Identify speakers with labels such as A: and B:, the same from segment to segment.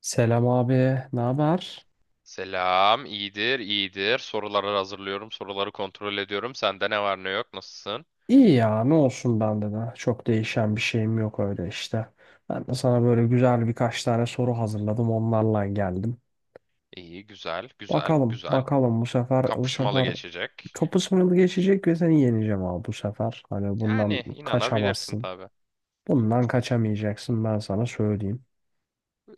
A: Selam abi, ne haber?
B: Selam, iyidir, iyidir. Soruları hazırlıyorum, soruları kontrol ediyorum. Sende ne var ne yok, nasılsın?
A: İyi ya, ne olsun bende de. Çok değişen bir şeyim yok öyle işte. Ben de sana böyle güzel birkaç tane soru hazırladım, onlarla geldim.
B: İyi, güzel, güzel,
A: Bakalım,
B: güzel.
A: bakalım bu sefer
B: Kapışmalı geçecek.
A: kapı sınırı geçecek ve seni yeneceğim abi bu sefer. Hani bundan
B: Yani inanabilirsin
A: kaçamazsın.
B: tabii.
A: Bundan kaçamayacaksın ben sana söyleyeyim.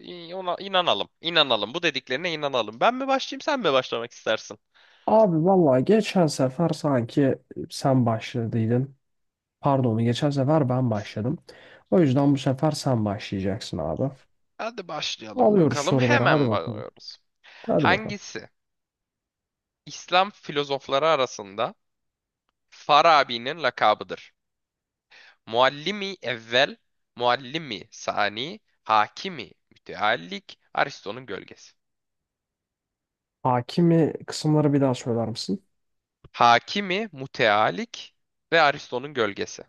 B: Ona inanalım, inanalım. Bu dediklerine inanalım. Ben mi başlayayım, sen mi başlamak istersin?
A: Abi vallahi geçen sefer sanki sen başladıydın. Pardon, geçen sefer ben başladım. O yüzden bu sefer sen başlayacaksın abi.
B: Hadi başlayalım
A: Alıyoruz
B: bakalım.
A: soruları. Hadi
B: Hemen
A: bakalım.
B: başlıyoruz.
A: Hadi bakalım.
B: Hangisi İslam filozofları arasında Farabi'nin lakabıdır? Muallimi evvel, muallimi sani, hakimi müteallik, Aristo'nun gölgesi.
A: Hakimi kısımları bir daha söyler misin?
B: Hakimi müteallik ve Aristo'nun gölgesi.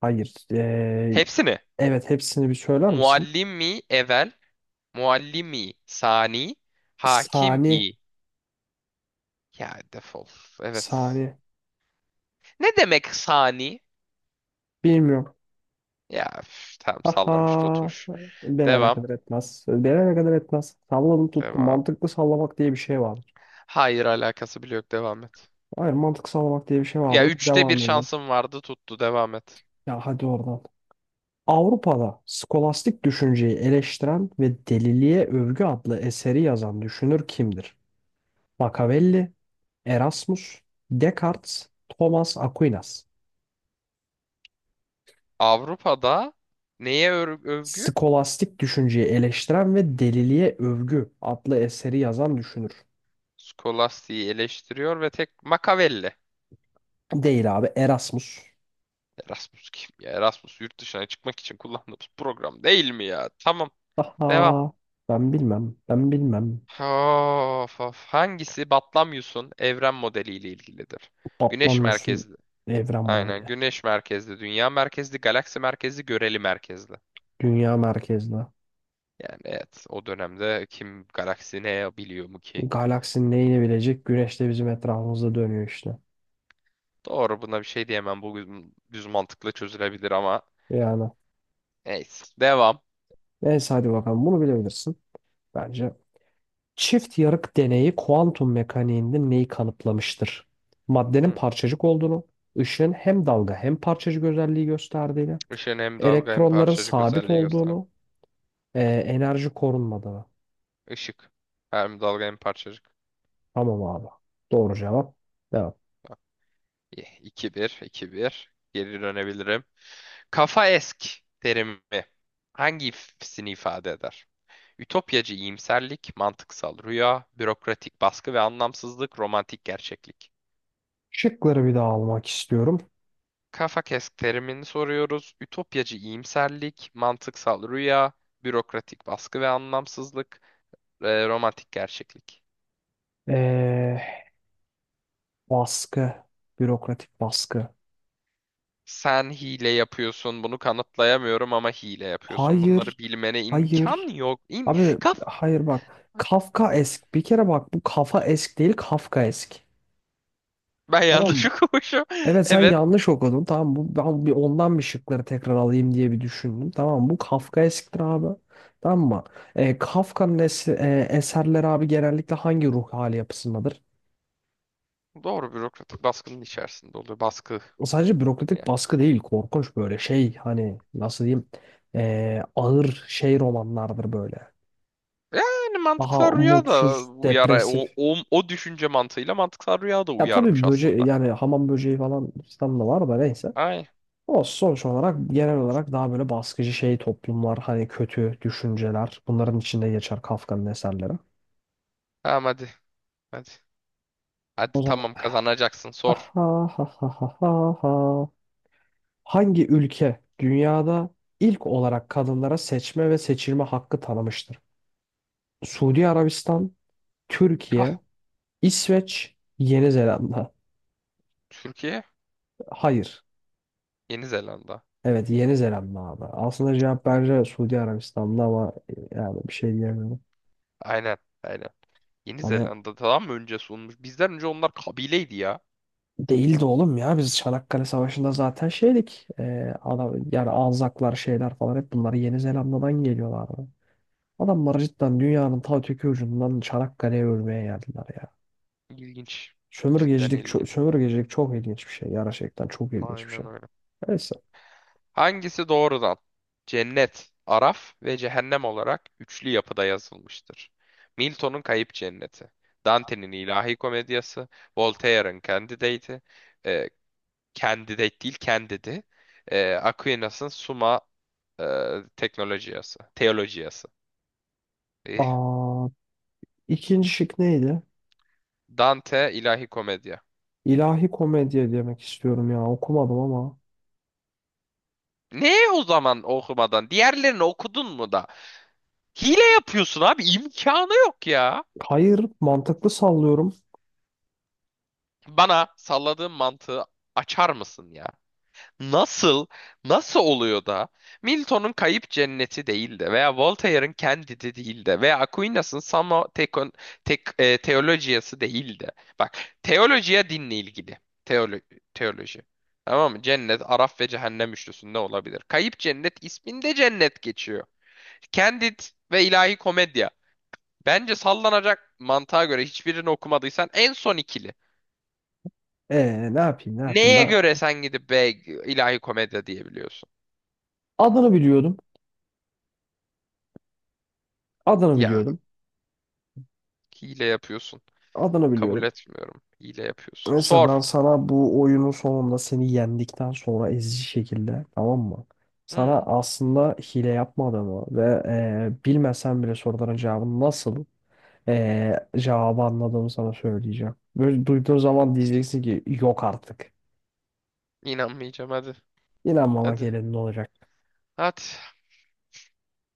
A: Hayır.
B: Hepsini
A: Evet hepsini bir söyler misin?
B: muallimi evvel, muallimi sani, hakimi
A: Sani.
B: ya defol. Evet.
A: Sani.
B: Ne demek sani?
A: Bilmiyorum.
B: Ya üf, tamam
A: Aha.
B: sallamış tutmuş.
A: Beni
B: Devam.
A: alakadar etmez. Beni alakadar etmez. Salladım tuttum.
B: Devam.
A: Mantıklı sallamak diye bir şey vardır.
B: Hayır alakası bile yok. Devam et.
A: Hayır mantıklı sallamak diye bir şey
B: Ya
A: vardır.
B: üçte bir
A: Devam edelim.
B: şansım vardı tuttu. Devam et.
A: Ya hadi oradan. Avrupa'da skolastik düşünceyi eleştiren ve Deliliğe Övgü adlı eseri yazan düşünür kimdir? Machiavelli, Erasmus, Descartes, Thomas Aquinas.
B: Avrupa'da neye övgü?
A: Skolastik düşünceyi eleştiren ve Deliliğe Övgü adlı eseri yazan düşünür.
B: Skolastiği eleştiriyor ve tek Machiavelli.
A: Değil abi Erasmus.
B: Erasmus kim ya? Erasmus yurt dışına çıkmak için kullandığımız program değil mi ya? Tamam.
A: Aha
B: Devam.
A: ben bilmem.
B: Of, of. Hangisi Batlamyus'un evren modeliyle ilgilidir? Güneş
A: Patlamıyorsun
B: merkezli.
A: evren
B: Aynen.
A: modeli.
B: Güneş merkezli, dünya merkezli, galaksi merkezli, göreli merkezli.
A: Dünya merkezli.
B: Yani evet o dönemde kim galaksi ne biliyor mu ki?
A: Galaksinin neyini bilecek? Güneş de bizim etrafımızda dönüyor işte.
B: Doğru buna bir şey diyemem. Bu düz mantıkla çözülebilir ama
A: Yani
B: neyse. Devam.
A: neyse hadi bakalım bunu bilebilirsin. Bence çift yarık deneyi kuantum mekaniğinde neyi kanıtlamıştır? Maddenin
B: Hı.
A: parçacık olduğunu, ışığın hem dalga hem parçacık özelliği gösterdiğini,
B: Işığın hem dalga hem
A: elektronların
B: parçacık
A: sabit
B: özelliği gösterdi.
A: olduğunu, enerji korunmadığını.
B: Işık. Hem dalga hem parçacık.
A: Tamam abi. Doğru cevap. Devam.
B: 2 bir, iki bir. Geri dönebilirim. Kafa esk terimi hangisini ifade eder? Ütopyacı iyimserlik, mantıksal rüya, bürokratik baskı ve anlamsızlık, romantik gerçeklik.
A: Şıkları bir daha almak istiyorum.
B: Kafa kesk terimini soruyoruz. Ütopyacı iyimserlik, mantıksal rüya, bürokratik baskı ve anlamsızlık, romantik gerçeklik.
A: Ee, Baskı, bürokratik baskı.
B: Sen hile yapıyorsun, bunu kanıtlayamıyorum ama hile yapıyorsun. Bunları
A: Hayır,
B: bilmene imkan
A: hayır.
B: yok. İm
A: Abi
B: Kaf
A: hayır bak. Kafkaesk. Bir kere bak bu kafa esk değil Kafkaesk.
B: ben
A: Tamam
B: yanlış
A: mı?
B: okumuşum.
A: Evet sen
B: Evet,
A: yanlış okudun. Tamam bu ben bir ondan bir şıkları tekrar alayım diye bir düşündüm. Tamam bu Kafka eskidir abi. Tamam mı? E, Kafka'nın es- Eserleri abi genellikle hangi ruh hali yapısındadır?
B: doğru bürokratik baskının içerisinde oluyor. Baskı.
A: Sadece bürokratik
B: Ya.
A: baskı değil korkunç böyle şey hani nasıl diyeyim ağır şey romanlardır böyle.
B: Yani mantıksal
A: Daha
B: rüya da
A: mutsuz,
B: uyar. O,
A: depresif.
B: o, o düşünce mantığıyla mantıksal rüya da
A: Ya tabii
B: uyarmış
A: böce
B: aslında.
A: yani hamam böceği falan filan da var da neyse.
B: Ay.
A: O sonuç olarak genel olarak daha böyle baskıcı şey toplumlar, hani kötü düşünceler bunların içinde geçer Kafka'nın eserleri.
B: Tamam hadi. Hadi. Hadi
A: O zaman
B: tamam kazanacaksın
A: ha
B: sor.
A: ha ha ha ha ha. Ha. Hangi ülke dünyada ilk olarak kadınlara seçme ve seçilme hakkı tanımıştır? Suudi Arabistan,
B: Ah,
A: Türkiye, İsveç, Yeni Zelanda.
B: Türkiye,
A: Hayır.
B: Yeni Zelanda.
A: Evet Yeni Zelanda abi. Aslında cevap bence Suudi Arabistan'da ama yani bir şey diyemiyorum.
B: Aynen. Aynen. Yeni
A: Hani
B: Zelanda'dan mı önce sunmuş? Bizden önce onlar kabileydi ya.
A: değildi oğlum ya. Biz Çanakkale Savaşı'nda zaten şeydik. Adam, yani Anzaklar şeyler falan hep bunları Yeni Zelanda'dan geliyorlardı. Adamlar cidden dünyanın ta öteki ucundan Çanakkale'ye ölmeye geldiler ya.
B: İlginç. Cidden ilginç.
A: Sömürgecilik çok ilginç bir şey. Gerçekten çok ilginç bir
B: Aynen
A: şey.
B: öyle.
A: Neyse.
B: Hangisi doğrudan? Cennet, Araf ve Cehennem olarak üçlü yapıda yazılmıştır. Milton'un Kayıp Cenneti, Dante'nin İlahi Komedyası, Voltaire'ın Candidate'i, e, Candidate değil Candid'i, Aquinas'ın Summa e, Teknolojiyası, Teolojiyası. Eh,
A: Aa, ikinci şık neydi?
B: Dante İlahi Komedya.
A: İlahi komedya demek istiyorum ya. Okumadım ama.
B: Ne o zaman okumadan? Diğerlerini okudun mu da? Hile yapıyorsun abi. İmkanı yok ya.
A: Hayır, mantıklı sallıyorum.
B: Bana salladığın mantığı açar mısın ya? Nasıl, nasıl oluyor da Milton'un Kayıp Cenneti değil de veya Voltaire'ın Candide değil de veya Aquinas'ın Summa Tecon- Tec- e, Theologia'sı değil de. Bak, teolojiye dinle ilgili. Teolo teoloji. Tamam mı? Cennet, Araf ve Cehennem üçlüsünde olabilir. Kayıp Cennet isminde cennet geçiyor. Candid ve ilahi Komedya. Bence sallanacak mantığa göre hiçbirini okumadıysan en son ikili.
A: Ne yapayım
B: Neye
A: ben?
B: göre sen gidip be ilahi komedya diyebiliyorsun?
A: Adını biliyordum. Adını
B: Ya
A: biliyordum.
B: hile yapıyorsun.
A: Adını
B: Kabul
A: biliyordum.
B: etmiyorum. Hile yapıyorsun.
A: Mesela ben
B: Sor.
A: sana bu oyunun sonunda seni yendikten sonra ezici şekilde tamam mı? Sana
B: Hı,
A: aslında hile yapmadığımı ve bilmesen bile soruların cevabını cevabı anladığımı sana söyleyeceğim. Böyle duyduğun zaman diyeceksin ki yok artık.
B: inanmayacağım hadi.
A: İnanmamak
B: Hadi.
A: elinde olacak.
B: Hadi.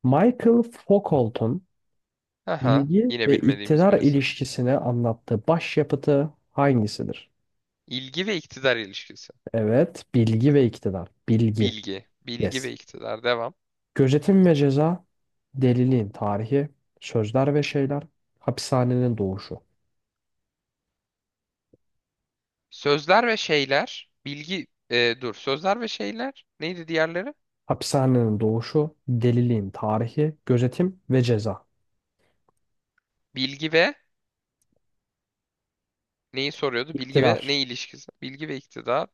A: Michael Foucault'un
B: Aha.
A: bilgi
B: Yine
A: ve
B: bilmediğimiz bir
A: iktidar
B: isim.
A: ilişkisini anlattığı başyapıtı hangisidir?
B: İlgi ve iktidar ilişkisi.
A: Evet, bilgi ve iktidar. Bilgi.
B: Bilgi. Bilgi
A: Yes.
B: ve iktidar. Devam.
A: Gözetim ve ceza, deliliğin tarihi, sözler ve şeyler, hapishanenin doğuşu.
B: Sözler ve şeyler. Bilgi. Dur. Sözler ve şeyler. Neydi diğerleri?
A: Hapishanenin doğuşu, deliliğin tarihi, gözetim ve ceza.
B: Bilgi ve neyi soruyordu? Bilgi ve
A: İktidar.
B: ne ilişkisi? Bilgi ve iktidar.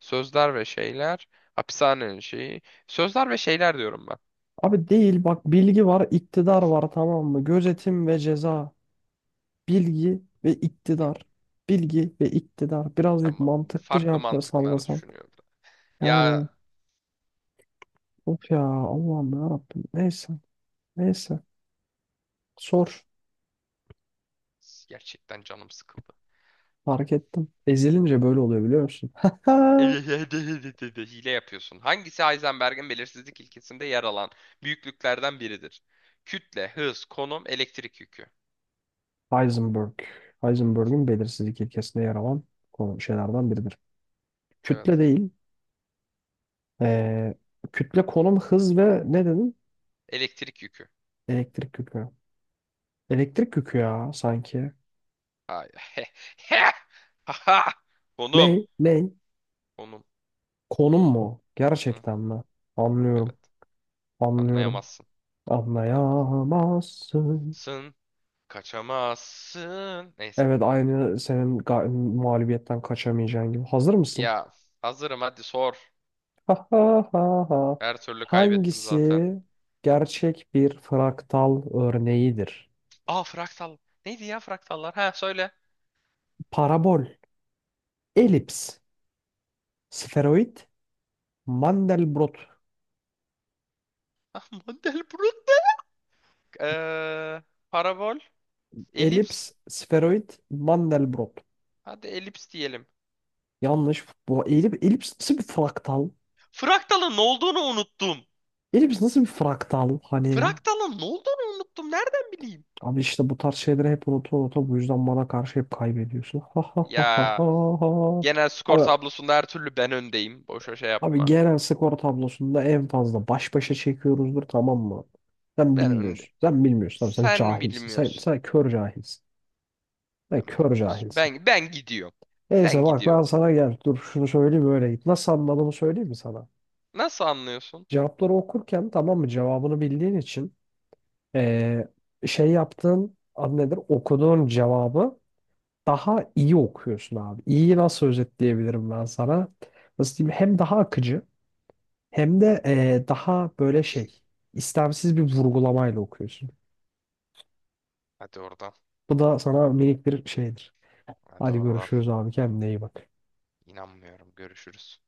B: Sözler ve şeyler. Hapishanenin şeyi. Sözler ve şeyler diyorum ben.
A: Abi değil bak bilgi var, iktidar var tamam mı? Gözetim ve ceza, bilgi ve iktidar. Bilgi ve iktidar. Birazcık
B: Tamam.
A: mantıklı
B: Farklı
A: cevapları
B: mantıklar
A: sallasan.
B: düşünüyorum. Ya
A: Yani of ya Allah'ım ya Rabbim. Neyse. Sor.
B: gerçekten canım sıkıldı.
A: Fark ettim. Ezilince böyle oluyor biliyor musun?
B: Hile yapıyorsun. Hangisi Heisenberg'in belirsizlik ilkesinde yer alan büyüklüklerden biridir? Kütle, hız, konum, elektrik yükü.
A: Heisenberg. Heisenberg'ün belirsizlik ilkesinde yer alan konu şeylerden biridir. Kütle
B: Evet.
A: değil. ee, Kütle, konum, hız ve ne dedim?
B: Elektrik yükü.
A: Elektrik yükü. Elektrik yükü ya sanki.
B: Hayır. Haha. Konum.
A: Ne? Ne?
B: Konum.
A: Konum mu?
B: Hı
A: Gerçekten
B: hı.
A: mi?
B: Evet.
A: Anlıyorum. Anlıyorum.
B: Anlayamazsın. Anlayamazsın.
A: Anlayamazsın.
B: Sın kaçamazsın. Neyse.
A: Evet aynı mağlubiyetten kaçamayacağın gibi. Hazır mısın?
B: Ya hazırım hadi sor.
A: Ha ha ha ha.
B: Her türlü kaybettim
A: Hangisi
B: zaten.
A: gerçek bir fraktal örneğidir?
B: Aa fraktal. Neydi ya fraktallar? Ha söyle.
A: Parabol, elips, sferoid, Mandelbrot.
B: Ah, Mandelbrot. Ee, parabol. Elips.
A: Elips, sferoid, Mandelbrot.
B: Hadi elips diyelim.
A: Yanlış. Bu elips nasıl bir fraktal?
B: Fraktalın ne olduğunu unuttum.
A: Elips nasıl bir fraktal? Hani
B: Fraktalın ne olduğunu unuttum. Nereden bileyim?
A: abi işte bu tarz şeyleri hep unuta unuta bu yüzden bana karşı hep kaybediyorsun. Ha ha ha ha
B: Ya
A: ha. Ha.
B: genel skor
A: Abi,
B: tablosunda her türlü ben öndeyim. Boşa şey
A: abi
B: yapma.
A: genel skor tablosunda en fazla baş başa çekiyoruzdur tamam mı? Sen
B: Ben öndeyim.
A: bilmiyorsun. Sen bilmiyorsun. Abi sen
B: Sen
A: cahilsin.
B: bilmiyorsun.
A: Sen kör cahilsin. Sen
B: Sen
A: kör
B: bilmiyorsun.
A: cahilsin.
B: Ben gidiyorum. Ben
A: Neyse bak ben
B: gidiyorum.
A: sana gel dur şunu söyleyeyim öyle git. Nasıl anladığımı söyleyeyim mi sana?
B: Nasıl anlıyorsun?
A: Cevapları okurken tamam mı cevabını bildiğin için eee, şey yaptığın adı nedir okuduğun cevabı daha iyi okuyorsun abi. İyi nasıl özetleyebilirim ben sana? Nasıl diyeyim hem daha akıcı hem de daha böyle şey istemsiz bir vurgulamayla okuyorsun.
B: Hadi oradan.
A: Bu da sana minik bir şeydir.
B: Hadi
A: Hadi
B: oradan.
A: görüşürüz abi kendine iyi bak.
B: İnanmıyorum. Görüşürüz.